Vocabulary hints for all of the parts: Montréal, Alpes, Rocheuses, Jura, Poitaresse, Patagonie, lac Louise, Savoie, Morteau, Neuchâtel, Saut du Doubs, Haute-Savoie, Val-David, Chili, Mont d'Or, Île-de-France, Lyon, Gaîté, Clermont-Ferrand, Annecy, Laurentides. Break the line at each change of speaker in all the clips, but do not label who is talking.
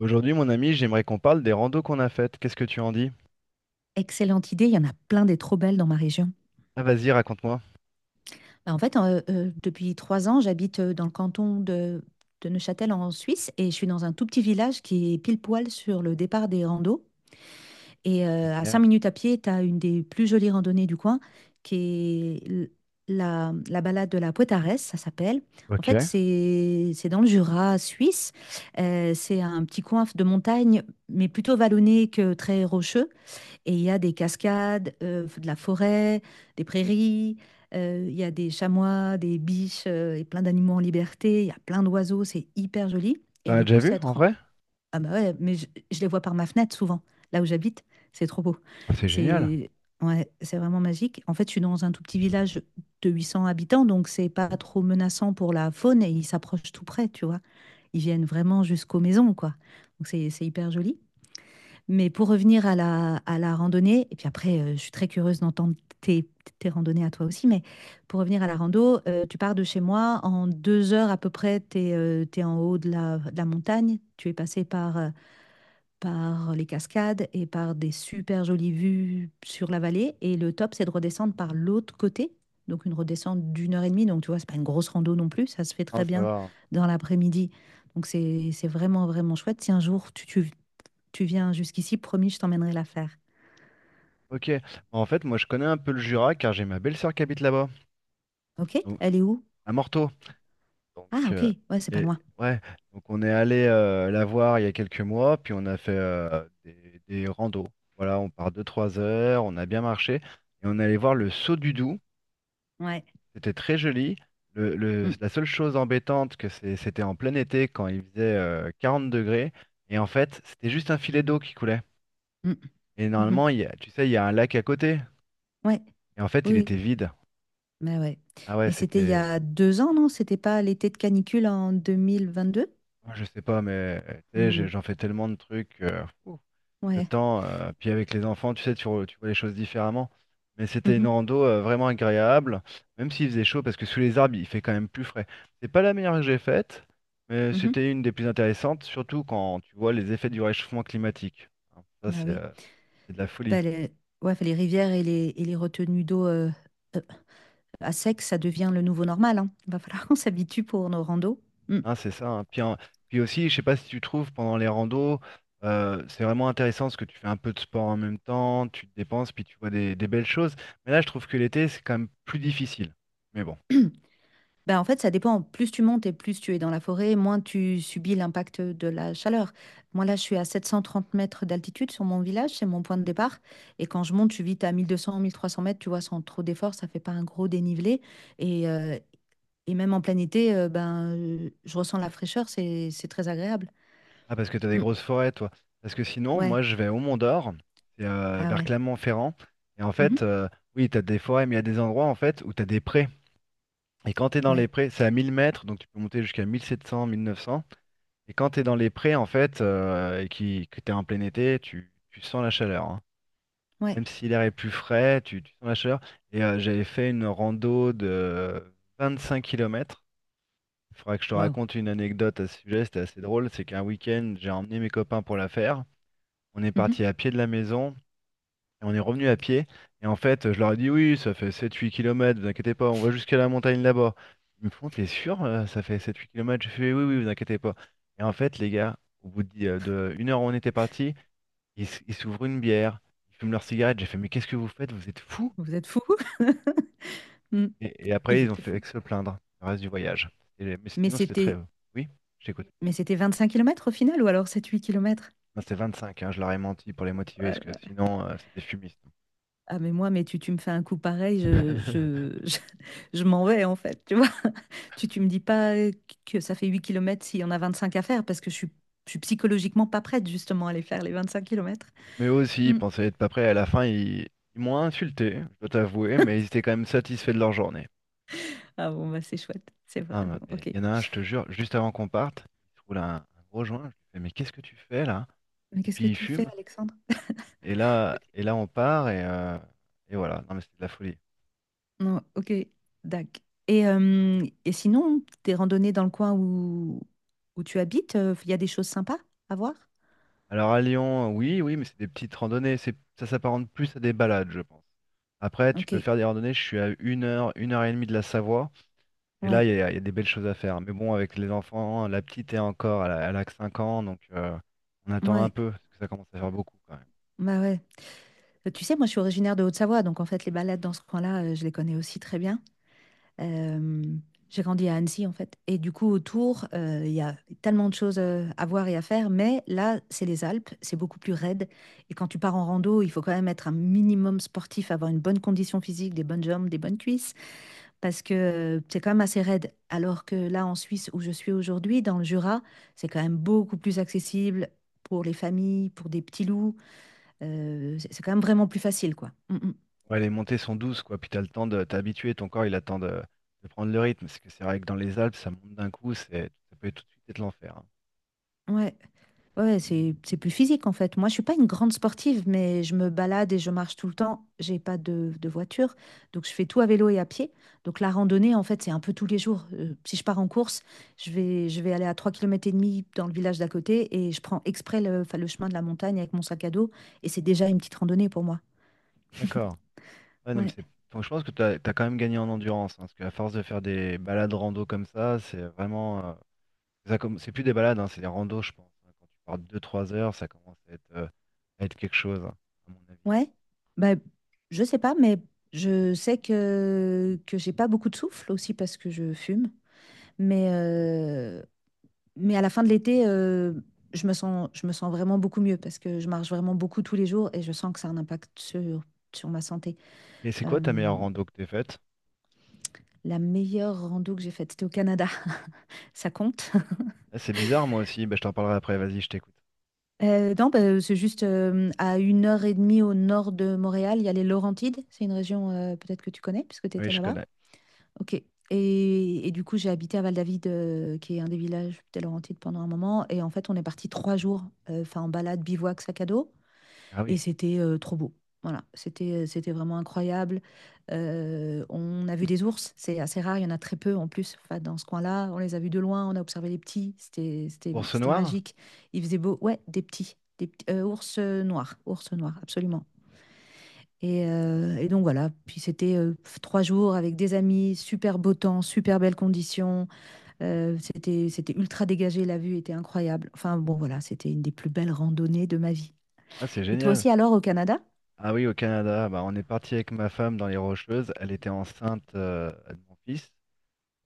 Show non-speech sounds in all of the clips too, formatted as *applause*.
Aujourd'hui, mon ami, j'aimerais qu'on parle des randos qu'on a faites. Qu'est-ce que tu en dis?
Excellente idée, il y en a plein des trop belles dans ma région.
Ah, vas-y, raconte-moi.
Bah, en fait, depuis 3 ans, j'habite dans le canton de Neuchâtel en Suisse et je suis dans un tout petit village qui est pile poil sur le départ des randos. Et à cinq
Génial.
minutes à pied, tu as une des plus jolies randonnées du coin qui est la balade de la Poitaresse, ça s'appelle. En
Ok.
fait, c'est dans le Jura suisse. C'est un petit coin de montagne, mais plutôt vallonné que très rocheux. Et il y a des cascades, de la forêt, des prairies, il y a des chamois, des biches et plein d'animaux en liberté, il y a plein d'oiseaux, c'est hyper joli.
T'en
Et
as
du coup,
déjà vu,
cette...
en
ren-
vrai?
Ah bah ouais, mais je les vois par ma fenêtre souvent, là où j'habite, c'est trop beau.
Ah, c'est génial.
C'est Ouais, c'est vraiment magique. En fait, je suis dans un tout petit village de 800 habitants, donc c'est pas trop menaçant pour la faune et ils s'approchent tout près, tu vois. Ils viennent vraiment jusqu'aux maisons, quoi. Donc c'est hyper joli. Mais pour revenir à à la randonnée, et puis après, je suis très curieuse d'entendre tes, tes randonnées à toi aussi, mais pour revenir à la rando, tu pars de chez moi, en 2 heures à peu près, tu es, en haut de de la montagne, tu es passé par, par les cascades et par des super jolies vues sur la vallée, et le top, c'est de redescendre par l'autre côté, donc une redescente d'1 heure et demie, donc tu vois, c'est pas une grosse rando non plus, ça se fait
Ah,
très
ça
bien
va, hein.
dans l'après-midi, donc c'est vraiment, vraiment chouette. Si un jour tu viens jusqu'ici, promis, je t'emmènerai la faire.
Ok. Bah, en fait, moi, je connais un peu le Jura car j'ai ma belle-sœur qui habite là-bas,
OK?
donc,
Elle est où?
à Morteau. Donc,
Ah, OK. Ouais, c'est pas
et,
loin.
ouais. Donc, on est allé la voir il y a quelques mois, puis on a fait des randos. Voilà, on part 2-3 heures, on a bien marché, et on est allé voir le Saut du Doubs.
Ouais.
C'était très joli. Le- le-
Mm,
la seule chose embêtante, que c'était en plein été quand il faisait 40 degrés. Et en fait, c'était juste un filet d'eau qui coulait.
mm,
Et
mhm.
normalement, tu sais, il y a un lac à côté.
Ouais.
Et en fait,
Oui,
il
oui.
était vide.
Mais ouais.
Ah ouais,
Mais c'était il y
c'était.
a 2 ans, non? C'était pas l'été de canicule en 2022?
Moi, je sais pas, mais tu sais,
Mm.
j'en fais tellement de trucs, ouf. Le
Ouais.
temps, puis avec les enfants, tu sais, tu vois les choses différemment. Mais c'était une
Mhm,
rando vraiment agréable, même s'il faisait chaud, parce que sous les arbres, il fait quand même plus frais. C'est pas la meilleure que j'ai faite, mais
mhm.
c'était une des plus intéressantes, surtout quand tu vois les effets du réchauffement climatique. Hein, ça,
Bah
c'est
oui.
euh, c'est de la folie.
Bah, les... Ouais, enfin, les rivières et et les retenues d'eau euh, à sec, ça devient le nouveau normal, hein. Va falloir *laughs* qu'on s'habitue pour nos randos. Mm.
Hein, c'est ça, hein. Puis, hein, puis aussi, je sais pas si tu trouves pendant les randos, c'est vraiment intéressant parce que tu fais un peu de sport en même temps, tu te dépenses, puis tu vois des belles choses. Mais là, je trouve que l'été, c'est quand même plus difficile. Mais bon.
Ben, en fait, ça dépend. Plus tu montes et plus tu es dans la forêt, moins tu subis l'impact de la chaleur. Moi, là, je suis à 730 mètres d'altitude sur mon village, c'est mon point de départ. Et quand je monte, je suis vite à 1200, 1300 mètres, tu vois, sans trop d'efforts, ça fait pas un gros dénivelé. Et, euh, et même en plein été, ben, je ressens la fraîcheur, c'est très agréable.
Ah, parce que t'as des
Mm.
grosses forêts, toi. Parce que sinon,
Ouais,
moi, je vais au Mont d'Or, c'est
ah
vers
ouais.
Clermont-Ferrand. Et en fait,
Mhm.
oui, t'as des forêts, mais il y a des endroits, en fait, où t'as des prés. Et quand t'es dans les
Ouais,
prés, c'est à 1 000 mètres, donc tu peux monter jusqu'à mille sept cents, 1 900. Et quand t'es dans les prés, en fait, et que t'es en plein été, tu sens la chaleur, hein.
ouais.
Même si l'air est plus frais, tu sens la chaleur. Et j'avais fait une rando de 25 kilomètres. Il faudra que je te
Waouh.
raconte une anecdote à ce sujet, c'était assez drôle. C'est qu'un week-end, j'ai emmené mes copains pour la faire. On est
Mhm.
parti à pied de la maison et on est revenu à pied. Et en fait, je leur ai dit oui, ça fait 7-8 kilomètres, vous inquiétez pas, on va jusqu'à la montagne là-bas. Ils me font, t'es sûr, ça fait 7-8 kilomètres. Je fais oui, oui, vous inquiétez pas. Et en fait, les gars, au bout de 1 heure où on était parti, ils s'ouvrent une bière, ils fument leur cigarette. J'ai fait, mais qu'est-ce que vous faites? Vous êtes fous?
Vous êtes fous. *laughs* Mm.
Et après,
Ils
ils ont
étaient
fait
fous.
que se plaindre le reste du voyage. Mais
Mais
sinon, c'était très.
c'était,
Oui, j'écoute.
mais c'était 25 km au final, ou alors 7-8 km?
Non, c'était 25, hein, je leur ai menti pour les motiver, parce que sinon, c'était fumiste.
Ah mais moi, mais tu me fais un coup pareil,
*laughs*
*laughs* je m'en vais en fait, tu vois. *laughs* Tu me dis pas que ça fait 8 kilomètres s'il y en a 25 à faire parce que je suis psychologiquement pas prête justement à aller faire les 25 km.
Mais eux aussi, ils pensaient être pas prêts. À la fin, ils m'ont insulté, je dois t'avouer, mais ils étaient quand même satisfaits de leur journée.
Ah bon, bah c'est chouette, c'est vrai.
Ah, bah,
Bon,
mais
ok.
il y en a un, je te jure, juste avant qu'on parte, il se roule un gros joint. Je lui fais, mais qu'est-ce que tu fais là?
Mais
Et
qu'est-ce que
puis il
tu fais,
fume.
Alexandre?
Et là,
Ok.
et là on part et voilà. Non, mais c'est de la folie.
Non, ok, dac. Et sinon, tes randonnées dans le coin où tu habites, il y a des choses sympas à voir?
Alors à Lyon, oui, oui, mais c'est des petites randonnées. C'est, ça s'apparente plus à des balades, je pense. Après, tu
Ok,
peux faire des randonnées. Je suis à 1 heure, 1 heure et demie de la Savoie. Et là,
ouais,
il y a des belles choses à faire. Mais bon, avec les enfants, la petite est encore, elle a que 5 ans, donc on attend un
ouais,
peu, parce que ça commence à faire beaucoup quand même.
bah ouais. Tu sais, moi, je suis originaire de Haute-Savoie, donc en fait, les balades dans ce coin-là, je les connais aussi très bien. Euh, j'ai grandi à Annecy, en fait. Et du coup, autour, il y a tellement de choses à voir et à faire, mais là, c'est les Alpes, c'est beaucoup plus raide. Et quand tu pars en rando, il faut quand même être un minimum sportif, avoir une bonne condition physique, des bonnes jambes, des bonnes cuisses, parce que c'est quand même assez raide. Alors que là, en Suisse, où je suis aujourd'hui, dans le Jura, c'est quand même beaucoup plus accessible pour les familles, pour des petits loups. C'est quand même vraiment plus facile, quoi. Mm, mm.
Ouais, les montées sont douces, quoi, puis t'as le temps de t'habituer, ton corps, il attend de prendre le rythme, parce que c'est vrai que dans les Alpes, ça monte d'un coup, c'est, ça peut tout de suite être l'enfer, hein.
Ouais, ouais, c'est plus physique en fait. Moi, je suis pas une grande sportive, mais je me balade et je marche tout le temps. J'ai pas de voiture, donc je fais tout à vélo et à pied. Donc la randonnée, en fait, c'est un peu tous les jours. Si je pars en course, je vais aller à 3 kilomètres et demi dans le village d'à côté et je prends exprès le, enfin, le chemin de la montagne avec mon sac à dos et c'est déjà une petite randonnée pour moi.
D'accord. Ouais, non, mais
Ouais.
c'est, donc, je pense que t'as quand même gagné en endurance, hein, parce qu'à force de faire des balades rando comme ça, c'est vraiment, c'est plus des balades, hein, c'est des randos, je pense, hein. Quand tu pars deux, trois heures, ça commence à être, quelque chose, hein, à mon avis.
Ouais. Bah, je sais pas, mais je sais que j'ai pas beaucoup de souffle aussi parce que je fume. Mais, euh, Mais à la fin de l'été, je me sens vraiment beaucoup mieux parce que je marche vraiment beaucoup tous les jours et je sens que ça a un impact sur ma santé.
Mais c'est quoi ta
Euh,
meilleure rando que t'aies faite?
la meilleure rando que j'ai faite, c'était au Canada. *laughs* Ça compte?
Ah, c'est bizarre, moi aussi. Bah, je t'en parlerai après. Vas-y, je t'écoute.
Non, bah, C'est juste à 1 heure et demie au nord de Montréal, il y a les Laurentides. C'est une région peut-être que tu connais puisque tu
Oui,
étais
je
là-bas.
connais.
Ok. Et du coup, j'ai habité à Val-David, qui est un des villages des Laurentides pendant un moment. Et en fait, on est parti 3 jours, enfin en balade, bivouac, sac à dos.
Ah
Et
oui.
c'était trop beau. Voilà, c'était vraiment incroyable. On a vu des ours, c'est assez rare, il y en a très peu en plus enfin, dans ce coin-là. On les a vus de loin, on a observé les petits,
Ours
c'était
noir?
magique. Il faisait beau, ouais, ours noirs, ours noirs, absolument. Et donc voilà, puis c'était pff, 3 jours avec des amis, super beau temps, super belles conditions, c'était ultra dégagé, la vue était incroyable. Enfin bon voilà, c'était une des plus belles randonnées de ma vie.
Ah, c'est
Et toi
génial.
aussi alors au Canada?
Ah oui, au Canada. Bah, on est parti avec ma femme dans les Rocheuses. Elle était enceinte de mon fils.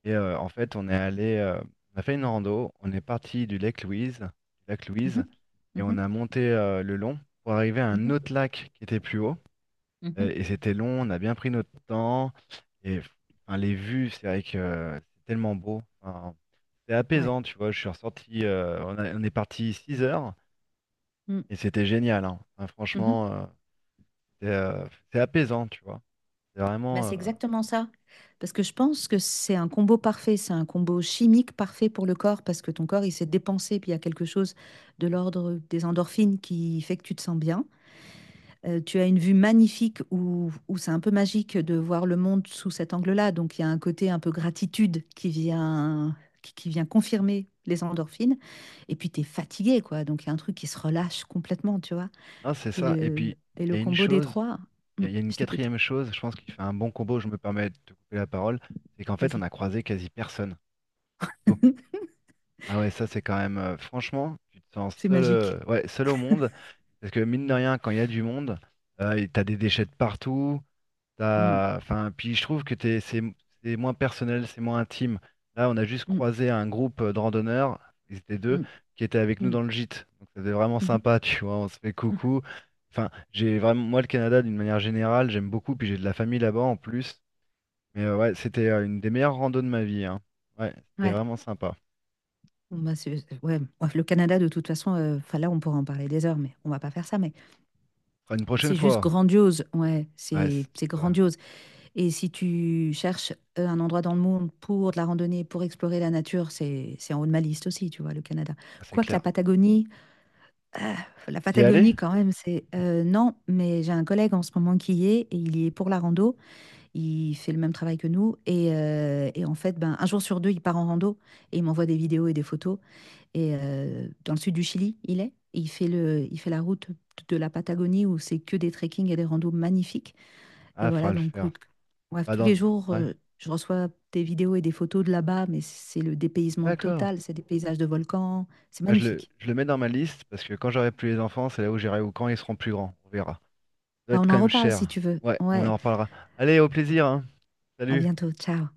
Et en fait, on est allé, on a fait une rando. On est parti du lac Louise,
Mhm.
et on a
Mhm.
monté le long pour arriver à un
Mhm.
autre lac qui était plus haut. Euh,
Mhm.
et c'était long. On a bien pris notre temps. Et enfin, les vues, c'est vrai que c'est tellement beau. Enfin, c'était
Ouais.
apaisant, tu vois. Je suis ressorti, on est parti 6 heures
Mm.
et c'était génial, hein. Enfin, franchement,
Mhm.
c'est euh, c'est apaisant, tu vois. C'est
Bah,
vraiment.
c'est exactement ça. Parce que je pense que c'est un combo parfait, c'est un combo chimique parfait pour le corps, parce que ton corps, il s'est dépensé, puis il y a quelque chose de l'ordre des endorphines qui fait que tu te sens bien. Tu as une vue magnifique où c'est un peu magique de voir le monde sous cet angle-là. Donc, il y a un côté un peu gratitude qui vient, qui vient confirmer les endorphines. Et puis, tu es fatigué, quoi. Donc, il y a un truc qui se relâche complètement, tu vois.
Hein, c'est ça. Et puis,
Et
il
le
y a une
combo des
chose,
trois,
il
mm,
y, a il y a une
je t'écoute,
quatrième chose, je pense qu'il fait un bon combo, je me permets de te couper la parole, c'est qu'en fait, on
vas-y.
a croisé quasi personne. Tout.
*laughs*
Ah ouais, ça, c'est quand même. Franchement, tu te sens
C'est
seul,
magique.
ouais, seul au monde. Parce que mine de rien, quand il y a du monde, et t'as des déchets de partout.
Mm,
Enfin, puis je trouve que c'est moins personnel, c'est moins intime. Là, on a juste
mm,
croisé un groupe de randonneurs, ils étaient deux,
mm,
qui étaient avec nous
mm,
dans le gîte. Donc c'était vraiment
mhm.
sympa, tu vois, on se fait coucou. Enfin, j'ai vraiment, moi, le Canada, d'une manière générale, j'aime beaucoup, puis j'ai de la famille là-bas en plus. Mais ouais, c'était une des meilleures randos de ma vie, hein. Ouais, c'était
Ouais.
vraiment sympa.
Bon, bah, ouais. Le Canada, de toute façon, 'fin, là, on pourra en parler des heures, mais on va pas faire ça. Mais
Fera une prochaine
c'est juste
fois.
grandiose. Ouais,
Ouais,
c'est
c'est
c'est
c'est ça.
grandiose. Et si tu cherches un endroit dans le monde pour de la randonnée, pour explorer la nature, c'est en haut de ma liste aussi, tu vois, le Canada.
Ah, c'est
Quoique la
clair.
Patagonie, euh,
T'y es allé?
Quand même, c'est. Non, mais j'ai un collègue en ce moment qui y est, et il y est pour la rando. Il fait le même travail que nous et en fait, ben, un jour sur 2, il part en rando et il m'envoie des vidéos et des photos dans le sud du Chili, il est. Il fait la route de la Patagonie où c'est que des trekking et des randos magnifiques et
Ah, faudra
voilà
le
donc,
faire.
bref,
Pas
tous les
dans...
jours,
Ouais,
je reçois des vidéos et des photos de là-bas, mais c'est le dépaysement
d'accord.
total, c'est des paysages de volcans, c'est
Bah,
magnifique.
je le mets dans ma liste parce que quand j'aurai plus les enfants, c'est là où j'irai ou quand ils seront plus grands. On verra. Ça doit
Bah,
être
on
quand
en
même
reparle si
cher.
tu veux.
Ouais, on en
Ouais,
reparlera. Allez, au plaisir, hein.
à
Salut.
bientôt, ciao.